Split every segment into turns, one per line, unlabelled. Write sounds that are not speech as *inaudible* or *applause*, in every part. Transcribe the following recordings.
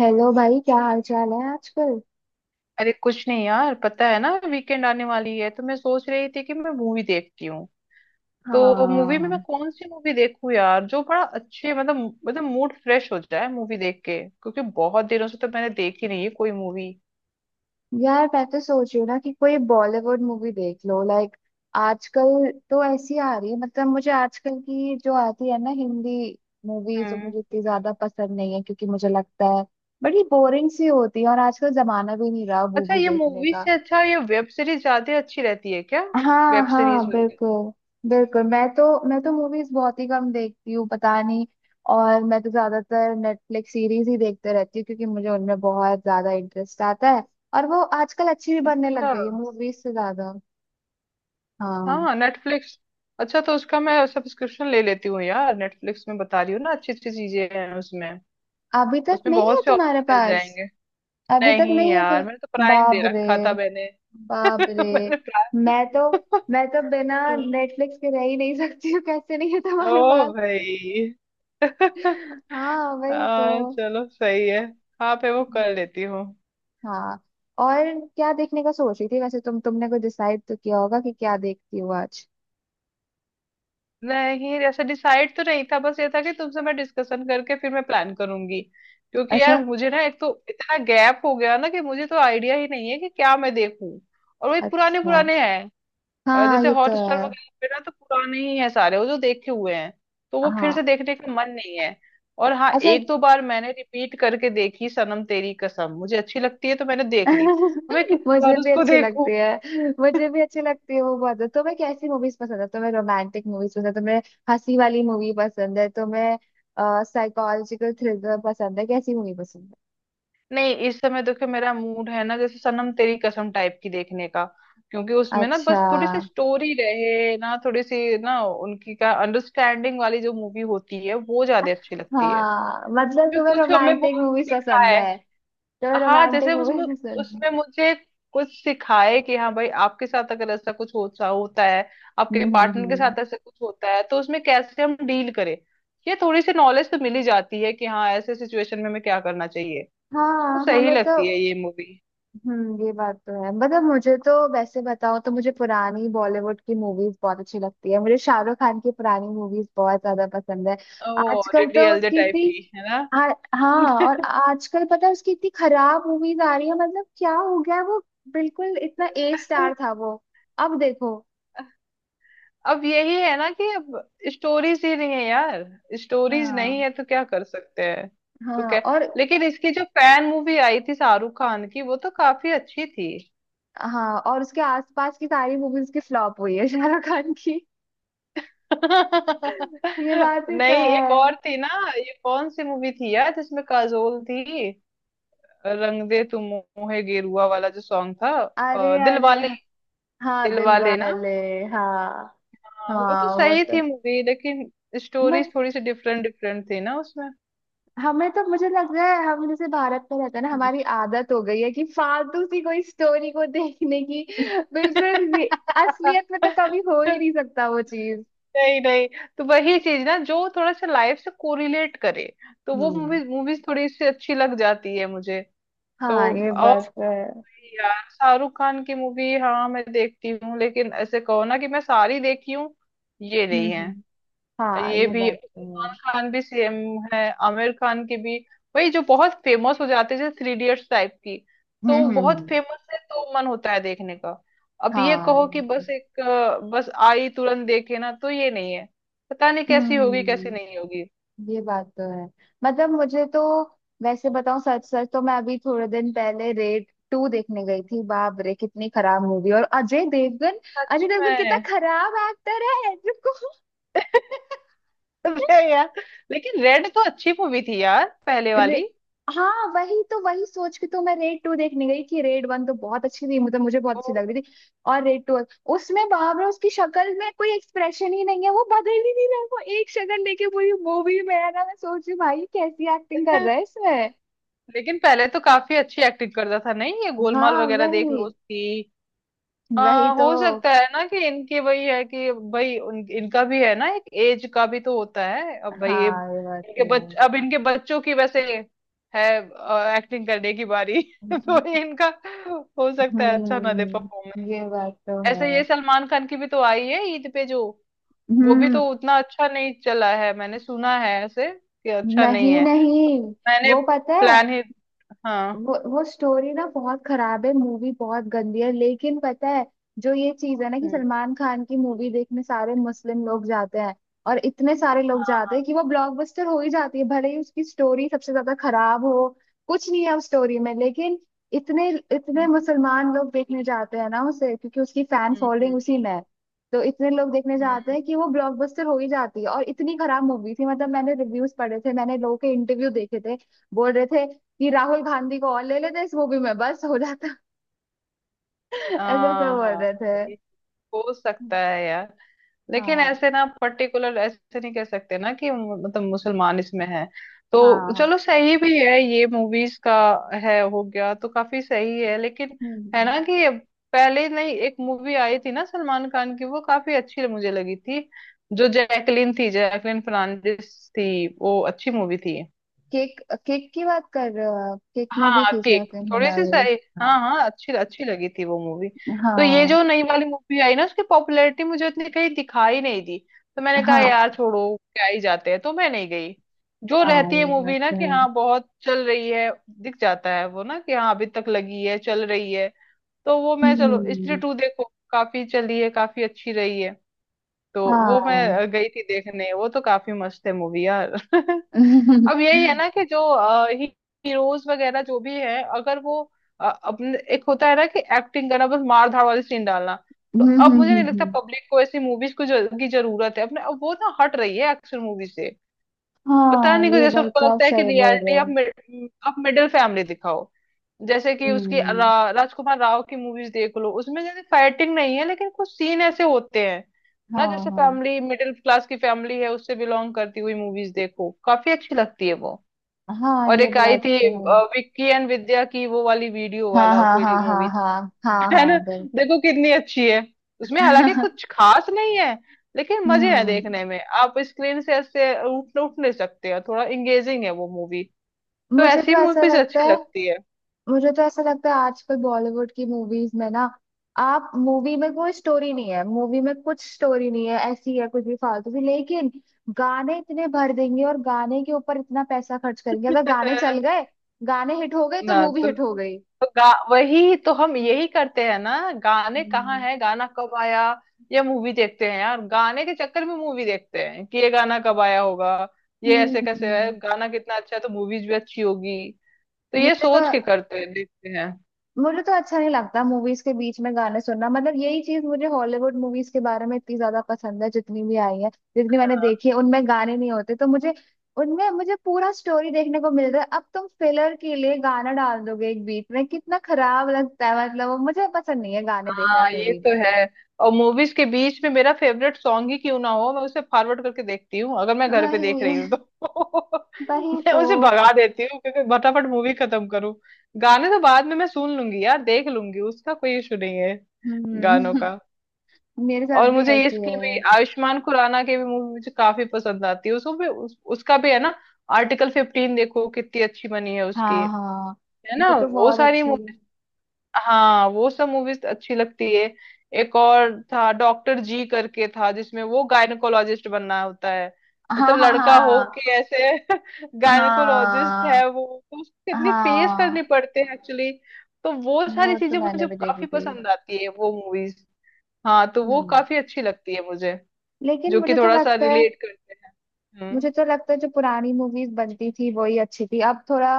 Hello भाई, क्या हाल चाल है आजकल।
अरे कुछ नहीं यार, पता है ना वीकेंड आने वाली है तो मैं सोच रही थी कि मैं मूवी देखती हूँ। तो मूवी में मैं
हाँ।
कौन सी मूवी देखूँ यार, जो बड़ा अच्छे मतलब मूड फ्रेश हो जाए मूवी देख के, क्योंकि बहुत दिनों से तो मैंने देखी नहीं है कोई मूवी।
यार, मैं तो सोच रही हूँ ना कि कोई बॉलीवुड मूवी देख लो। लाइक आजकल तो ऐसी आ रही है, मतलब मुझे आजकल की जो आती है ना हिंदी मूवीज, वो
हम्म।
मुझे इतनी ज्यादा पसंद नहीं है, क्योंकि मुझे लगता है बड़ी बोरिंग सी होती है। और आजकल जमाना भी नहीं रहा
अच्छा,
मूवी
ये
देखने
मूवी
का।
से अच्छा ये वेब सीरीज ज्यादा अच्छी रहती है क्या,
हाँ
वेब सीरीज
हाँ,
वगैरह?
बिल्कुल। बिल्कुल। मैं तो मूवीज बहुत ही कम देखती हूँ, पता नहीं। और मैं तो ज्यादातर नेटफ्लिक्स सीरीज ही देखते रहती हूँ, क्योंकि मुझे उनमें बहुत ज्यादा इंटरेस्ट आता है। और वो आजकल अच्छी भी बनने लग
अच्छा।
गई है मूवीज से ज्यादा। हाँ।
हाँ, नेटफ्लिक्स। अच्छा तो उसका मैं सब्सक्रिप्शन ले लेती हूँ यार, नेटफ्लिक्स में बता रही हूँ ना अच्छी अच्छी चीजें हैं उसमें।
अभी तक
उसमें
नहीं है
बहुत से
तुम्हारे
ऑप्शन मिल
पास?
जाएंगे।
अभी तक
नहीं
नहीं है
यार, मैंने तो
तो?
प्राइम
बाप
दे
रे।
रखा था मैंने। *laughs*
बाप रे।
मैंने
मैं तो
प्राइम।
मैं तो बिना नेटफ्लिक्स के रह ही नहीं सकती हूँ। कैसे नहीं है
ओ
तुम्हारे पास?
भाई। *laughs*
हाँ, वही तो।
हाँ चलो सही है। हाँ पे वो कर लेती हूँ।
हाँ। और क्या देखने का सोच रही थी वैसे तुमने कुछ डिसाइड तो किया होगा कि क्या देखती हो आज।
नहीं, ऐसा डिसाइड तो नहीं था, बस ये था कि तुमसे मैं डिस्कशन करके फिर मैं प्लान करूंगी। क्योंकि यार
अच्छा।
मुझे ना एक तो इतना गैप हो गया ना कि मुझे तो आइडिया ही नहीं है कि क्या मैं देखूं। और वो एक पुराने
अच्छा।
पुराने हैं।
हाँ,
जैसे
ये तो है।
हॉटस्टार वगैरह पे ना तो पुराने ही है सारे, वो जो देखे हुए हैं तो वो फिर से
हाँ।
देखने का मन नहीं है। और हाँ,
अच्छा।
एक दो बार मैंने रिपीट करके देखी सनम तेरी कसम। मुझे अच्छी लगती है तो मैंने देख ली, अब मैं
*laughs*
कितनी
मुझे
बार
भी
उसको
अच्छे
देखूं।
लगती है, मुझे भी अच्छी लगती है वो बहुत। तुम्हें कैसी मूवीज पसंद है? तुम्हें रोमांटिक मूवीज पसंद है? तुम्हें हंसी वाली मूवी पसंद है? तुम्हें साइकोलॉजिकल थ्रिलर पसंद है? कैसी मूवी पसंद
नहीं, इस समय देखो मेरा मूड है ना, जैसे सनम तेरी कसम टाइप की देखने का। क्योंकि
है?
उसमें ना
अच्छा।
बस थोड़ी सी स्टोरी रहे ना, थोड़ी सी ना उनकी का अंडरस्टैंडिंग वाली जो मूवी होती है वो ज्यादा अच्छी लगती है।
हाँ, मतलब
इसमें
तुम्हें
कुछ हमें वो
रोमांटिक मूवीज पसंद
सिखाए।
है? तुम्हें
हाँ, जैसे
रोमांटिक
उसमें
मूवीज पसंद है?
उसमें मुझे कुछ सिखाए कि हाँ भाई, आपके साथ अगर ऐसा कुछ होता होता है,
हम्म
आपके
हम्म
पार्टनर के
हम्म।
साथ ऐसा कुछ होता है तो उसमें कैसे हम डील करें। ये थोड़ी सी नॉलेज तो मिली जाती है कि हाँ ऐसे सिचुएशन में हमें क्या करना चाहिए। तो
हाँ,
सही
हमें तो।
लगती है ये मूवी।
हम्म, ये बात तो है। मतलब मुझे तो, वैसे बताओ तो, मुझे पुरानी बॉलीवुड की मूवीज बहुत अच्छी लगती है। मुझे शाहरुख खान की पुरानी मूवीज बहुत ज्यादा पसंद है।
ओ
आजकल
डीडी
तो
एलजे
उसकी
टाइप की
इतनी।
है ना।
आ, हाँ। और आजकल पता है उसकी इतनी खराब मूवीज आ रही है, मतलब क्या हो गया है? वो बिल्कुल इतना ए
तो
स्टार था वो। अब देखो।
अब यही है ना कि अब स्टोरीज ही नहीं है यार। स्टोरीज नहीं
हाँ
है तो क्या कर सकते हैं। तो
हाँ।
क्या,
और
लेकिन इसकी जो फैन मूवी आई थी शाहरुख खान की वो तो काफी अच्छी थी।
हाँ, और उसके आसपास की सारी मूवीज की फ्लॉप हुई है *laughs* शाहरुख खान की।
*laughs*
ये बात ही तो
नहीं एक
है।
और थी ना, ये कौन सी मूवी थी यार जिसमें काजोल थी, रंग दे तू मोहे गेरुआ वाला जो सॉन्ग था।
अरे अरे।
दिलवाले।
हाँ, दिल
दिलवाले ना।
वाले। हाँ
हाँ, वो
हाँ,
तो
वो
सही
तो।
थी मूवी, लेकिन स्टोरी
बट
थोड़ी सी डिफरेंट डिफरेंट थी ना उसमें।
हमें तो, मुझे लग रहा है, हम जैसे भारत में रहते हैं ना, हमारी आदत हो गई है कि फालतू सी कोई स्टोरी को देखने की। बिल्कुल भी
*laughs*
असलियत में तो कभी हो ही नहीं सकता वो चीज।
नहीं नहीं, तो वही चीज ना जो थोड़ा सा लाइफ से कोरिलेट करे, तो वो
हम्म।
मूवीज मूवीज थोड़ी सी अच्छी लग जाती है मुझे। तो
हाँ, ये बात तो है।
यार शाहरुख खान की मूवी हाँ मैं देखती हूँ, लेकिन ऐसे कहो ना कि मैं सारी देखी हूँ, ये
हम्म
नहीं है।
हम्म, हाँ,
ये
ये
भी
बात तो है।
सलमान खान भी सेम है। आमिर खान की भी वही, जो बहुत फेमस हो जाते हैं जैसे 3 इडियट्स टाइप की।
हम्म
तो वो
हम्म
बहुत
हम्म,
फेमस है तो मन होता है देखने का। अब ये
हाँ
कहो
ये
कि
तो-
बस एक बस आई तुरंत देखे ना, तो ये नहीं है। पता नहीं कैसी होगी कैसी
हम्म,
नहीं होगी।
ये बात तो है। मतलब मुझे तो, वैसे बताऊं, सच सच तो मैं अभी थोड़े दिन पहले रेड टू देखने गई थी। बाप रे, कितनी खराब मूवी। और अजय देवगन,
सच
अजय देवगन कितना
में?
खराब एक्टर है, *laughs* जिसको।
*laughs* अरे यार, लेकिन रेड तो अच्छी मूवी थी यार पहले वाली।
रे... हाँ, वही तो। वही सोच के तो मैं रेड टू देखने गई, कि रेड वन तो बहुत अच्छी थी, मतलब मुझे बहुत
ओ,
अच्छी लग रही थी। और रेड टू, उसमें बाप रे, उसकी शक्ल में कोई एक्सप्रेशन ही नहीं है, वो बदल ही नहीं रहा है। वो एक शक्ल लेके पूरी मूवी में है ना, मैं सोच रही हूँ, भाई कैसी एक्टिंग कर रहा है इसमें।
लेकिन पहले तो काफी अच्छी एक्टिंग करता था, नहीं ये गोलमाल
हाँ,
वगैरह देख लो
वही।
उसकी।
वही तो।
हो सकता है ना कि इनके वही है कि भाई इनका भी है ना एक एज का भी तो होता है। अब भाई ये
हाँ, ये बात
इनके
भी है।
बच अब इनके बच्चों की वैसे है एक्टिंग करने की बारी। *laughs* तो इनका हो सकता है अच्छा ना दे
हम्म,
परफॉर्मेंस।
ये बात तो
ऐसे
है।
ये सलमान खान की भी तो आई है ईद पे जो, वो भी तो
हम्म।
उतना अच्छा नहीं चला है, मैंने सुना है ऐसे कि अच्छा नहीं
नहीं
है।
नहीं।
तो मैंने
वो पता है।
प्लान ही। हाँ।
वो स्टोरी ना बहुत खराब है, मूवी बहुत गंदी है, लेकिन पता है, जो ये चीज है ना, कि
हम्म
सलमान खान की मूवी देखने सारे मुस्लिम लोग जाते हैं। और इतने सारे लोग जाते हैं कि वो ब्लॉकबस्टर हो ही जाती है, भले ही उसकी स्टोरी सबसे ज्यादा खराब हो। कुछ नहीं है उस स्टोरी में, लेकिन इतने इतने
हम्म
मुसलमान लोग देखने जाते हैं ना उसे, क्योंकि उसकी फैन फॉलोइंग
हम्म
उसी में है। तो इतने लोग देखने जाते
हम्म।
हैं कि वो ब्लॉकबस्टर हो ही जाती है। और इतनी खराब मूवी थी, मतलब मैंने रिव्यूज पढ़े थे, मैंने लोगों के इंटरव्यू देखे थे, बोल रहे थे कि राहुल गांधी को और ले लेते इस मूवी में, बस हो जाता। *laughs* ऐसे ऐसे
हाँ
बोल
हाँ,
रहे थे।
ये हो सकता है यार, लेकिन
हाँ
ऐसे ना पर्टिकुलर ऐसे नहीं कह सकते ना कि मतलब मुसलमान इसमें है।
हाँ
तो
हाँ।
चलो सही भी है ये मूवीज का। है, हो गया तो काफी सही है, लेकिन है
हम्म।
ना कि पहले, नहीं एक मूवी आई थी ना सलमान खान की वो काफी अच्छी मुझे लगी थी, जो जैकलीन थी, जैकलीन फर्नांडिस थी, वो अच्छी मूवी थी।
केक। केक की बात कर रहे हो आप? केक में भी
हाँ
थी
केक
जैकलिन
थोड़ी सी
मोनालिस।
सही। हाँ
हाँ
हाँ अच्छी अच्छी लगी थी वो मूवी। तो ये
हाँ
जो नई वाली मूवी आई ना, उसकी पॉपुलैरिटी मुझे इतनी कहीं दिखाई नहीं दी। तो मैंने कहा
हाँ
यार छोड़ो, क्या ही जाते हैं, तो मैं नहीं गई। जो
हाँ,
रहती है
ये बात
मूवी ना
तो
कि
है।
हाँ बहुत चल रही है, दिख जाता है वो ना कि हाँ अभी तक लगी है चल रही है। तो वो मैं, चलो स्त्री
हम्म।
टू देखो, काफी चली है काफी अच्छी रही है, तो वो
हाँ।
मैं गई थी देखने। वो तो काफी मस्त है मूवी यार। *laughs*
*laughs* हम्म,
अब यही है ना कि जो हीरोज वगैरह जो भी है अगर वो, अपने एक होता है ना कि एक्टिंग करना, बस मार धाड़ वाली सीन डालना। तो
हम्म,
अब मुझे नहीं लगता
हम्म,
पब्लिक को ऐसी मूवीज को की जरूरत है, अपने अब वो ना हट रही है एक्शन मूवी से। पता
हाँ
नहीं क्यों,
ये
जैसे
बात
उनको
तो आप
लगता है कि
सही बोल रहे
रियलिटी अब
हो।
अब मिडिल फैमिली दिखाओ। जैसे कि उसकी
हम्म।
राजकुमार राव की मूवीज देख लो, उसमें जैसे फाइटिंग नहीं है लेकिन कुछ सीन ऐसे होते हैं ना,
हाँ
जैसे
हाँ।
फैमिली, मिडिल क्लास की फैमिली है उससे बिलोंग करती हुई मूवीज देखो, काफी अच्छी लगती है वो।
हाँ,
और
ये
एक आई
बात
थी
तो है।
विक्की एंड विद्या की, वो वाली वीडियो
हाँ
वाला
हाँ
कोई
हाँ हाँ
मूवी थी।
हाँ हाँ
*laughs* है ना,
हाँ, बिल्कुल।
देखो कितनी अच्छी है। उसमें हालांकि कुछ
*laughs*
खास नहीं है, लेकिन मजे हैं
हम्म।
देखने में, आप स्क्रीन से ऐसे उठ उठ नहीं सकते हो, थोड़ा इंगेजिंग है वो मूवी। तो
मुझे तो
ऐसी
ऐसा
मूवीज
लगता
अच्छी
है,
लगती है।
मुझे तो ऐसा लगता है आजकल बॉलीवुड की मूवीज में ना, आप मूवी में कोई स्टोरी नहीं है, मूवी में कुछ स्टोरी नहीं है, ऐसी है कुछ भी फालतू की। लेकिन गाने इतने भर देंगे और गाने के ऊपर इतना पैसा खर्च करेंगे, अगर गाने चल
*laughs*
गए, गाने हिट हो गए, तो
ना
मूवी
तो
हिट हो गई।
तो गा वही तो हम यही करते हैं ना, गाने कहाँ
हम्म।
है गाना कब आया। ये मूवी देखते हैं यार, गाने के चक्कर में मूवी देखते हैं कि ये गाना कब आया होगा, ये ऐसे कैसे है,
हम्म।
गाना कितना अच्छा है तो मूवीज भी अच्छी होगी। तो ये
मुझे तो
सोच के करते हैं देखते हैं।
मुझे तो अच्छा नहीं लगता मूवीज के बीच में गाने सुनना। मतलब यही चीज मुझे हॉलीवुड मूवीज के बारे में इतनी ज्यादा पसंद है, जितनी भी आई है, जितनी मैंने देखी है, उनमें गाने नहीं होते तो मुझे, उनमें मुझे पूरा स्टोरी देखने को मिल रहा है। अब तुम फिलर के लिए गाना डाल दोगे एक बीच में, कितना खराब लगता है। मतलब वो मुझे पसंद नहीं है गाने देखना
हाँ ये
मूवी
तो
में।
है। और मूवीज के बीच में मेरा फेवरेट सॉन्ग ही क्यों ना हो, मैं उसे फॉरवर्ड करके देखती हूँ, अगर मैं घर पे देख रही हूँ
वही।
तो। *laughs*
वही
मैं
तो।
उसे भगा देती हूँ, क्योंकि फटाफट मूवी खत्म करूँ। गाने तो बाद में मैं सुन लूंगी यार, देख लूंगी, उसका कोई इशू नहीं है गानों
हम्म।
का।
*laughs* मेरे साथ
और
भी
मुझे
ऐसी
इसकी
है।
भी, आयुष्मान खुराना की भी मूवी मुझे काफी पसंद आती है, उसको भी उसका भी है ना आर्टिकल 15, देखो कितनी अच्छी बनी है उसकी।
हाँ हाँ,
है ना,
वो तो
वो
बहुत
सारी।
अच्छी।
हाँ वो सब मूवीज अच्छी लगती है। एक और था डॉक्टर जी करके था जिसमें वो गायनकोलॉजिस्ट बनना होता है,
हाँ
मतलब
हाँ
लड़का हो
हाँ
के ऐसे *laughs* गायनकोलॉजिस्ट है वो। तो उसको
हाँ
कितनी फेस करनी
हाँ।
पड़ते हैं एक्चुअली। तो वो
वो
सारी
तो
चीजें
मैंने
मुझे
भी देखी
काफी
थी।
पसंद आती है वो मूवीज। हाँ तो वो
हम्म।
काफी अच्छी लगती है मुझे,
लेकिन
जो कि
मुझे तो
थोड़ा सा
लगता है,
रिलेट करते हैं।
मुझे
हम्म।
तो लगता है जो पुरानी मूवीज बनती थी वही अच्छी थी। अब थोड़ा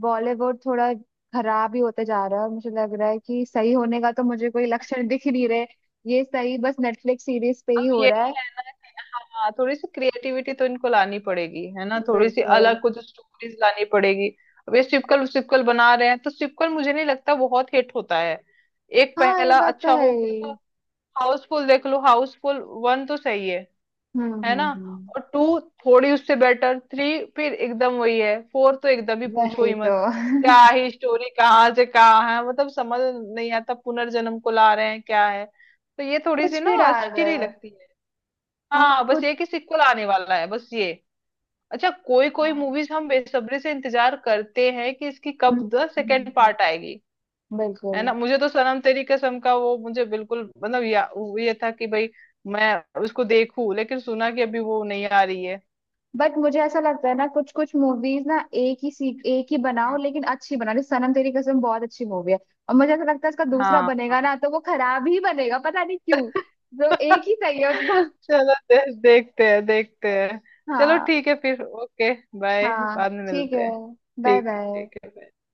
बॉलीवुड थोड़ा खराब ही होते जा रहा है, और मुझे लग रहा है कि सही होने का तो मुझे कोई लक्षण *laughs* दिख ही नहीं रहे। ये सही बस नेटफ्लिक्स सीरीज पे ही
अब
हो रहा
यही
है।
है ना कि हाँ, थोड़ी सी क्रिएटिविटी तो इनको लानी पड़ेगी है ना, थोड़ी सी
बिल्कुल।
अलग कुछ स्टोरीज लानी पड़ेगी। अब ये सिक्वल सिक्वल बना रहे हैं, तो सिक्वल मुझे नहीं लगता बहुत हिट होता है। एक
हाँ, ये
पहला
बात तो
अच्छा
है
हो गया तो,
ही।
हाउसफुल देख लो, हाउसफुल 1 तो सही है
हम्म
है
हम्म
ना,
हम्म।
और 2 थोड़ी उससे बेटर, 3 फिर एकदम वही है, 4 तो एकदम ही पूछो
वही
ही
तो।
मत। क्या
*laughs*
ही स्टोरी, कहाँ से कहाँ है, मतलब समझ नहीं आता, पुनर्जन्म को ला रहे हैं, क्या है, तो ये थोड़ी सी
कुछ
ना
भी डाल
अच्छी
रहे
नहीं
हैं।
लगती है।
हाँ,
हाँ बस
कुछ।
ये कि सिक्वल आने वाला है बस ये। अच्छा कोई कोई
हाँ।
मूवीज हम बेसब्री से इंतजार करते हैं कि इसकी
हम्म,
कब द
हम्म, हम्म,
सेकेंड पार्ट
हम्म।
आएगी। है ना,
बिल्कुल।
मुझे तो सनम तेरी कसम का वो मुझे बिल्कुल, मतलब वो ये था कि भाई मैं उसको देखूं, लेकिन सुना कि अभी वो नहीं आ रही है।
बट मुझे ऐसा लगता है ना कुछ कुछ मूवीज ना, एक ही सीख, एक ही बनाओ
हाँ
लेकिन अच्छी बनाओ, जैसे सनम तेरी कसम बहुत अच्छी मूवी है। और मुझे ऐसा लगता है इसका दूसरा
हाँ
बनेगा
हाँ।
ना तो वो खराब ही बनेगा, पता नहीं क्यों, तो एक ही
*laughs*
सही है उनका।
चलो देखते हैं देखते हैं। चलो
हाँ
ठीक है फिर, ओके, बाय,
हाँ।
बाद में
ठीक है।
मिलते हैं।
बाय
ठीक है
बाय।
ठीक है, bye।